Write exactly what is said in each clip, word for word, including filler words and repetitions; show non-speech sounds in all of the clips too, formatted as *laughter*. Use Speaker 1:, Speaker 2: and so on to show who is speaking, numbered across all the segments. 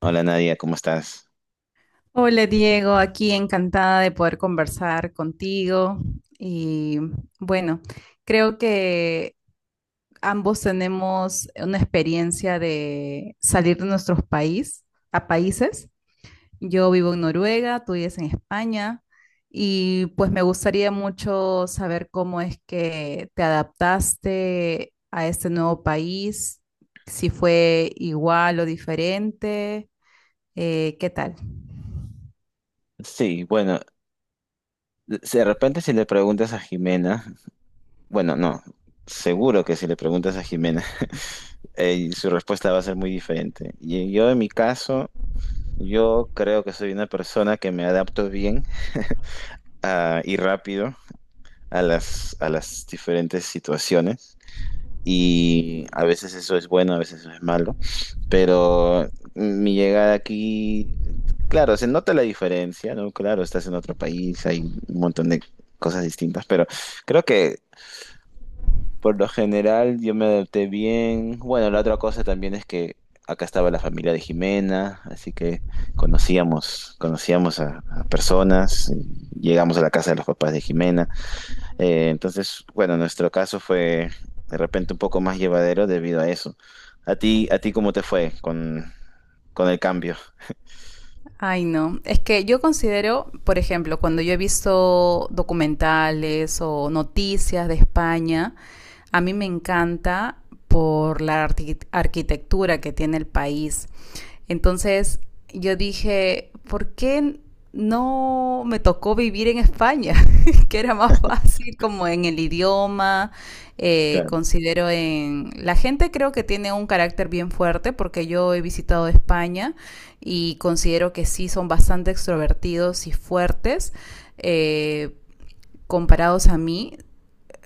Speaker 1: Hola Nadia, ¿cómo estás?
Speaker 2: Hola Diego, aquí encantada de poder conversar contigo. Y bueno, creo que ambos tenemos una experiencia de salir de nuestros país a países. Yo vivo en Noruega, tú vives en España y pues me gustaría mucho saber cómo es que te adaptaste a este nuevo país, si fue igual o diferente, eh, ¿qué tal?
Speaker 1: Sí, bueno, de de repente si le preguntas a Jimena, bueno, no, seguro que si le preguntas a Jimena, *laughs* eh, su respuesta va a ser muy diferente. Y yo en mi caso, yo creo que soy una persona que me adapto bien ah, y rápido a las, a las diferentes situaciones, y a veces eso es bueno, a veces eso es malo. Pero mi llegada aquí, claro, se nota la diferencia, ¿no? Claro, estás en otro país, hay un montón de cosas distintas, pero creo que por lo general yo me adapté bien. Bueno, la otra cosa también es que acá estaba la familia de Jimena, así que conocíamos, conocíamos a, a personas, llegamos a la casa de los papás de Jimena. Eh, entonces, bueno, nuestro caso fue de repente un poco más llevadero debido a eso. ¿A ti, a ti cómo te fue con, con el cambio?
Speaker 2: Ay, no. Es que yo considero, por ejemplo, cuando yo he visto documentales o noticias de España, a mí me encanta por la arqui- arquitectura que tiene el país. Entonces yo dije, ¿por qué no me tocó vivir en España? *laughs* Que era más fácil como en el idioma, eh,
Speaker 1: Claro.
Speaker 2: considero en... La gente creo que tiene un carácter bien fuerte porque yo he visitado España y considero que sí son bastante extrovertidos y fuertes. eh, Comparados a mí,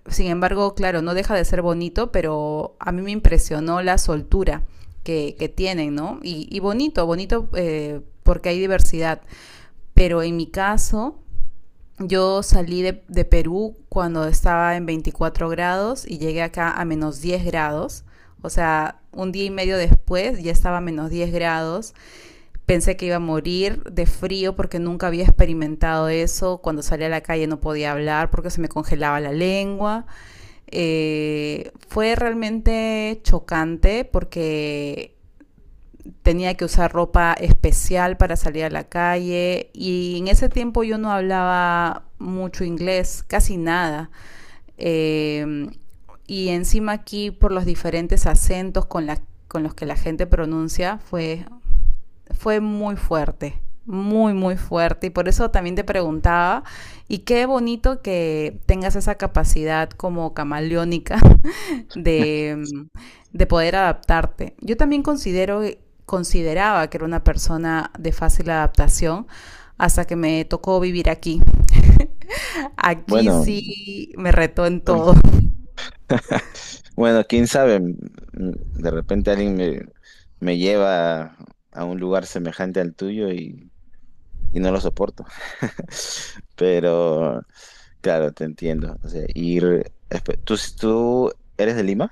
Speaker 2: sin embargo, claro, no deja de ser bonito, pero a mí me impresionó la soltura que, que tienen, ¿no? Y, y bonito, bonito eh, porque hay diversidad. Pero en mi caso, yo salí de, de, Perú cuando estaba en veinticuatro grados y llegué acá a menos diez grados. O sea, un día y medio después ya estaba a menos diez grados. Pensé que iba a morir de frío porque nunca había experimentado eso. Cuando salí a la calle no podía hablar porque se me congelaba la lengua. Eh, fue realmente chocante porque tenía que usar ropa especial para salir a la calle y en ese tiempo yo no hablaba mucho inglés, casi nada. Eh, y encima aquí por los diferentes acentos con, la, con los que la gente pronuncia fue fue muy fuerte, muy, muy fuerte. Y por eso también te preguntaba, y qué bonito que tengas esa capacidad como camaleónica *laughs* de, mm, de poder adaptarte. Yo también considero, consideraba que era una persona de fácil adaptación hasta que me tocó vivir aquí. *laughs* Aquí
Speaker 1: Bueno,
Speaker 2: sí me retó en todo.
Speaker 1: *laughs* bueno, quién sabe, mm, de repente alguien me, me lleva a, a un lugar semejante al tuyo y, y no lo soporto. *laughs* Pero, claro, te entiendo. O sea, ir, espe- ¿tú, tú eres de Lima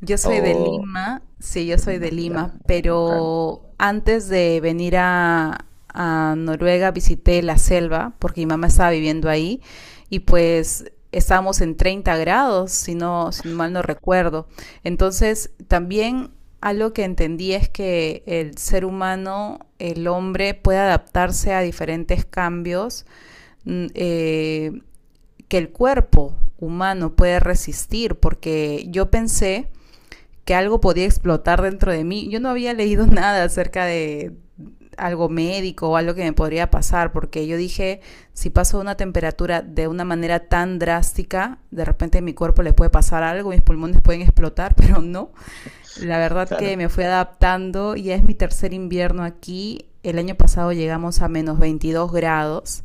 Speaker 2: Yo soy de
Speaker 1: o
Speaker 2: Lima, sí, yo
Speaker 1: de
Speaker 2: soy
Speaker 1: Lima?
Speaker 2: de
Speaker 1: Ya,
Speaker 2: Lima,
Speaker 1: claro,
Speaker 2: pero antes de venir a, a Noruega visité la selva porque mi mamá estaba viviendo ahí y pues estábamos en treinta grados, si no, si mal no recuerdo. Entonces, también algo que entendí es que el ser humano, el hombre, puede adaptarse a diferentes cambios. mm, eh, que el cuerpo humano puede resistir, porque yo pensé que algo podía explotar dentro de mí. Yo no había leído *laughs* nada acerca de algo médico o algo que me podría pasar, porque yo dije, si paso una temperatura de una manera tan drástica, de repente a mi cuerpo le puede pasar algo, mis pulmones pueden explotar, *laughs* pero no. La verdad que
Speaker 1: claro.
Speaker 2: me fui adaptando, ya es mi tercer invierno aquí. El año pasado llegamos a menos veintidós grados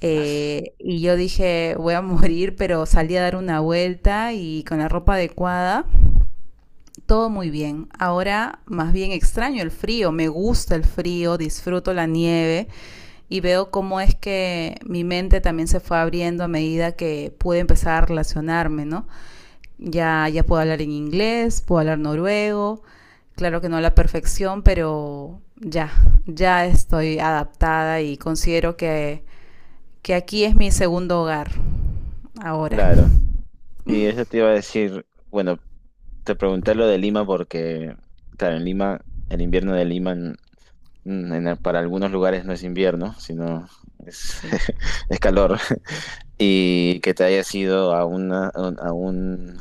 Speaker 2: eh, y yo dije, voy a *laughs* morir, pero salí a dar una vuelta y con la ropa adecuada todo muy bien. Ahora más bien extraño el frío, me gusta el frío, disfruto la nieve y veo cómo es que mi mente también se fue abriendo a medida que pude empezar a relacionarme, ¿no? Ya, ya puedo hablar en inglés, puedo hablar noruego, claro que no a la perfección, pero ya, ya estoy adaptada y considero que, que aquí es mi segundo hogar ahora.
Speaker 1: Claro, y eso te iba a decir, bueno, te pregunté lo de Lima porque, claro, en Lima, el invierno de Lima en- en- en- para algunos lugares no es invierno, sino es,
Speaker 2: Sí,
Speaker 1: *laughs* es calor, y que te hayas ido a, una, a un, a un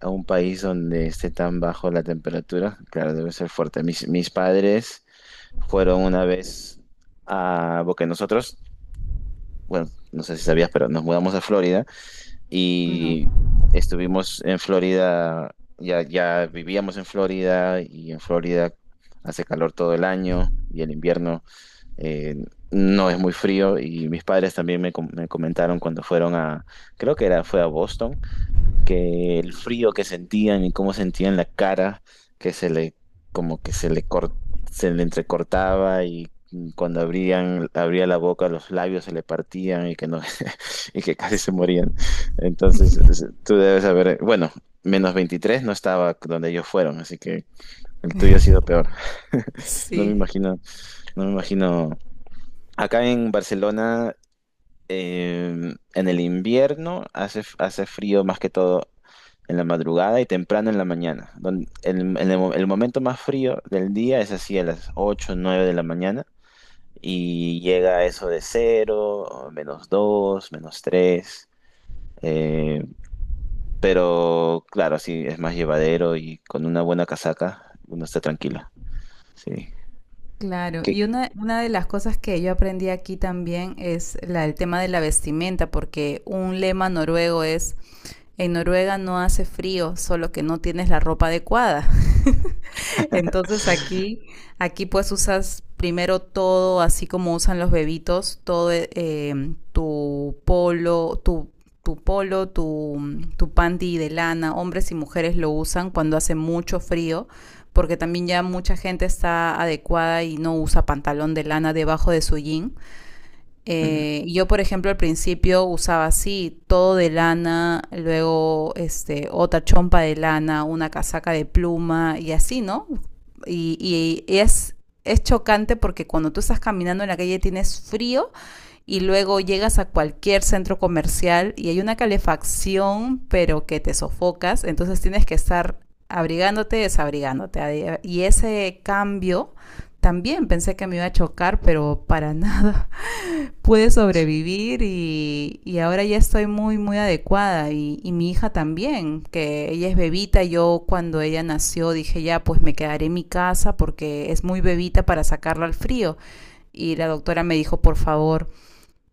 Speaker 1: a un país donde esté tan bajo la temperatura, claro, debe ser fuerte. Mis, mis padres fueron una vez a, porque nosotros, bueno, no sé si sabías, pero nos mudamos a Florida.
Speaker 2: no.
Speaker 1: Y estuvimos en Florida, ya, ya vivíamos en Florida, y en Florida hace calor todo el año y el invierno eh, no es muy frío, y mis padres también me, com- me comentaron cuando fueron a, creo que era, fue a Boston, que el frío que sentían y cómo sentían la cara, que se le, como que se le cor- se le entrecortaba, y cuando abrían, abría la boca, los labios se le partían y que no, *laughs* y que casi
Speaker 2: Sí.
Speaker 1: se morían. Entonces, es- tú debes saber, bueno, menos veintitrés no estaba donde ellos fueron, así que el tuyo ha sido peor. *laughs* No me
Speaker 2: Sí.
Speaker 1: imagino, no me imagino. Acá en Barcelona, Em, en el invierno hace, f- hace frío más que todo en la madrugada y temprano en la mañana. Don- el, en el mo- el momento más frío del día es así a las ocho o nueve de la mañana, y llega a eso de cero o menos dos, menos tres. eh, pero claro, sí, es más llevadero y con una buena casaca uno está tranquilo. Sí.
Speaker 2: Claro,
Speaker 1: ¿Qué?
Speaker 2: y una, una de las cosas que yo aprendí aquí también es la, el tema de la vestimenta, porque un lema noruego es, en Noruega no hace frío, solo que no tienes la ropa adecuada. Entonces aquí, aquí pues usas primero todo, así como usan los bebitos, todo eh, em, tu polo, tu, tu polo, tu, mm, tu panty de lana, hombres y mujeres lo usan cuando hace mucho frío, porque también ya mucha gente está adecuada y no usa pantalón de lana debajo de su jean.
Speaker 1: Mm,
Speaker 2: Eh, yo, por ejemplo, al principio usaba así, todo de lana, luego este, otra chompa de lana, una casaca de pluma y así, ¿no? Y, y- y es, es chocante porque cuando tú estás caminando en la calle tienes frío y luego llegas a cualquier centro comercial y hay una calefacción, pero que te sofocas, entonces tienes que estar abrigándote, desabrigándote. adi- Y ese cambio también pensé que me iba a chocar, pero para *laughs* nada pude sobrevivir y, y ahora ya estoy muy, muy adecuada. Y, y mi hija también, que ella es bebita. Yo cuando ella nació dije ya, pues me quedaré en mi casa porque es muy bebita para sacarla al frío. Y la doctora me dijo, por favor,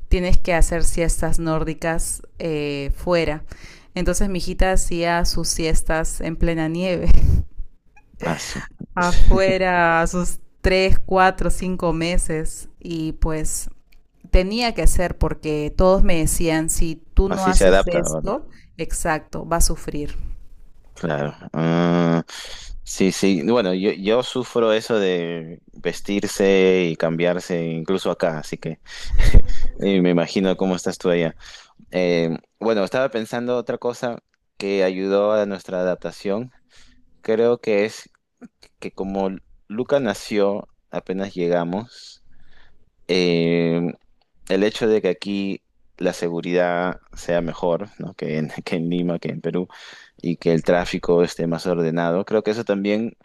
Speaker 2: tienes que hacer siestas nórdicas eh, fuera. Entonces mi hijita hacía sus siestas en plena nieve,
Speaker 1: ah, su-
Speaker 2: *laughs*
Speaker 1: *laughs*
Speaker 2: afuera, a sus tres cuatro cinco meses. Y pues tenía que hacer porque todos me decían, si tú no
Speaker 1: Así se
Speaker 2: haces
Speaker 1: adapta.
Speaker 2: esto, exacto, va a sufrir.
Speaker 1: Claro. Ah, sí, sí. Bueno, yo, yo sufro eso de vestirse y cambiarse, incluso acá, así que *laughs* eh, me imagino cómo estás tú allá. Eh, bueno, estaba pensando otra cosa que ayudó a nuestra adaptación. Creo que es que como Luca nació apenas llegamos, eh, el hecho de que aquí la seguridad sea mejor, ¿no? que en, *laughs* que en Lima, que en Perú, y que el tráfico esté más ordenado, creo que eso también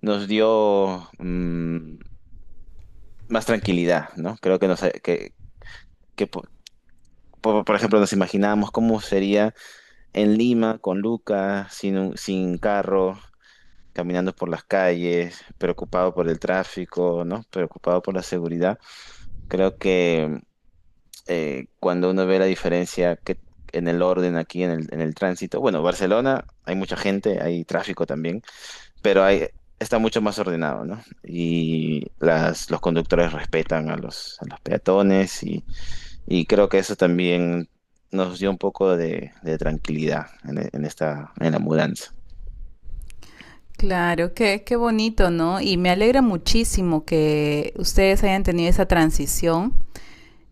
Speaker 1: nos dio mm, más tranquilidad, ¿no? Creo que, nos, que, que po- po- por, ejemplo, nos imaginábamos cómo sería en Lima con Lucas, sin, un- sin carro, caminando por las calles, preocupado por el tráfico, ¿no? Preocupado por la seguridad. Creo que eh, cuando uno ve la diferencia que, en el orden aquí, en el, en el tránsito, bueno, Barcelona hay mucha gente, hay tráfico también, pero hay, está mucho más ordenado, ¿no? Y las, los conductores respetan a los, a los peatones, y, y creo que eso también nos dio un poco de, de tranquilidad en, en esta, en la mudanza.
Speaker 2: Claro, qué, qué bonito, ¿no? Y me alegra muchísimo que ustedes hayan tenido esa transición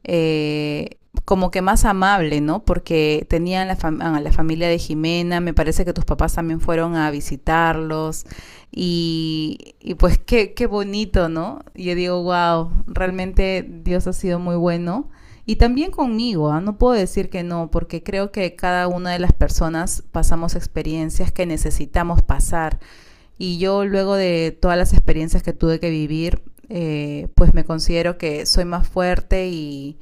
Speaker 2: eh, como que más amable, ¿no? Porque tenían la fam- a la familia de Jimena, me parece que tus papás también fueron a visitarlos y, y pues qué, qué bonito, ¿no? Yo digo, wow, realmente Dios ha sido muy bueno. Y también conmigo, ¿ah? No puedo decir que no, porque creo que cada una de las personas pasamos experiencias que necesitamos pasar y yo luego de todas las experiencias que tuve que vivir, eh, pues me considero que soy más fuerte y,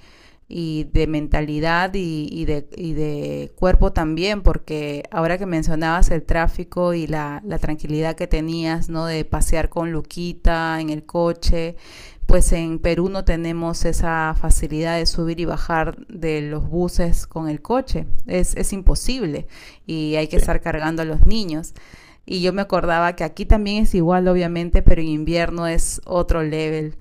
Speaker 2: y de mentalidad y, y, de, y, de, cuerpo también, porque ahora que mencionabas el tráfico y la, la, tranquilidad que tenías, ¿no? De pasear con Luquita en el coche, pues en Perú no tenemos esa facilidad de subir y bajar de los buses con el coche, es, es imposible y hay que
Speaker 1: Sí.
Speaker 2: estar cargando a los niños. Y yo me acordaba que aquí también es igual, obviamente, pero en invierno es otro level,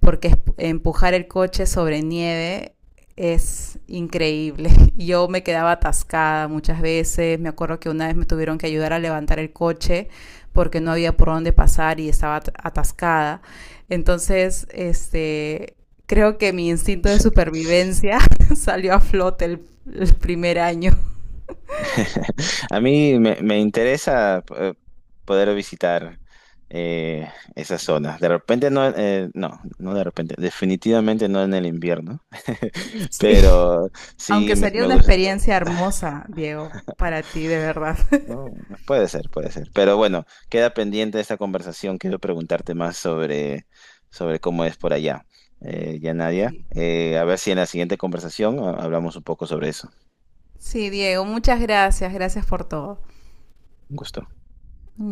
Speaker 2: porque empujar el coche sobre nieve es increíble. *laughs* Yo me quedaba atascada muchas veces, me acuerdo que una vez me tuvieron que ayudar a levantar el coche porque no había por dónde pasar y estaba atascada. Entonces, este, creo que mi instinto de supervivencia *laughs* salió a flote el, el primer año.
Speaker 1: *laughs* A mí me, me interesa eh, poder visitar eh, esas zonas. De repente no, eh, no, no de repente, definitivamente no en el invierno,
Speaker 2: *laughs*
Speaker 1: *laughs*
Speaker 2: Sí.
Speaker 1: pero sí
Speaker 2: Aunque
Speaker 1: me,
Speaker 2: sería
Speaker 1: me
Speaker 2: una
Speaker 1: gusta.
Speaker 2: experiencia hermosa, Diego, para ti, de verdad. *laughs*
Speaker 1: Oh, puede ser, puede ser. Pero bueno, queda pendiente esta conversación. Quiero preguntarte más sobre, sobre cómo es por allá. Eh, ya Nadia, eh, a ver si en la siguiente conversación ah, hablamos un poco sobre eso.
Speaker 2: Sí, Diego, muchas gracias, gracias por todo.
Speaker 1: Un gusto.
Speaker 2: Mm.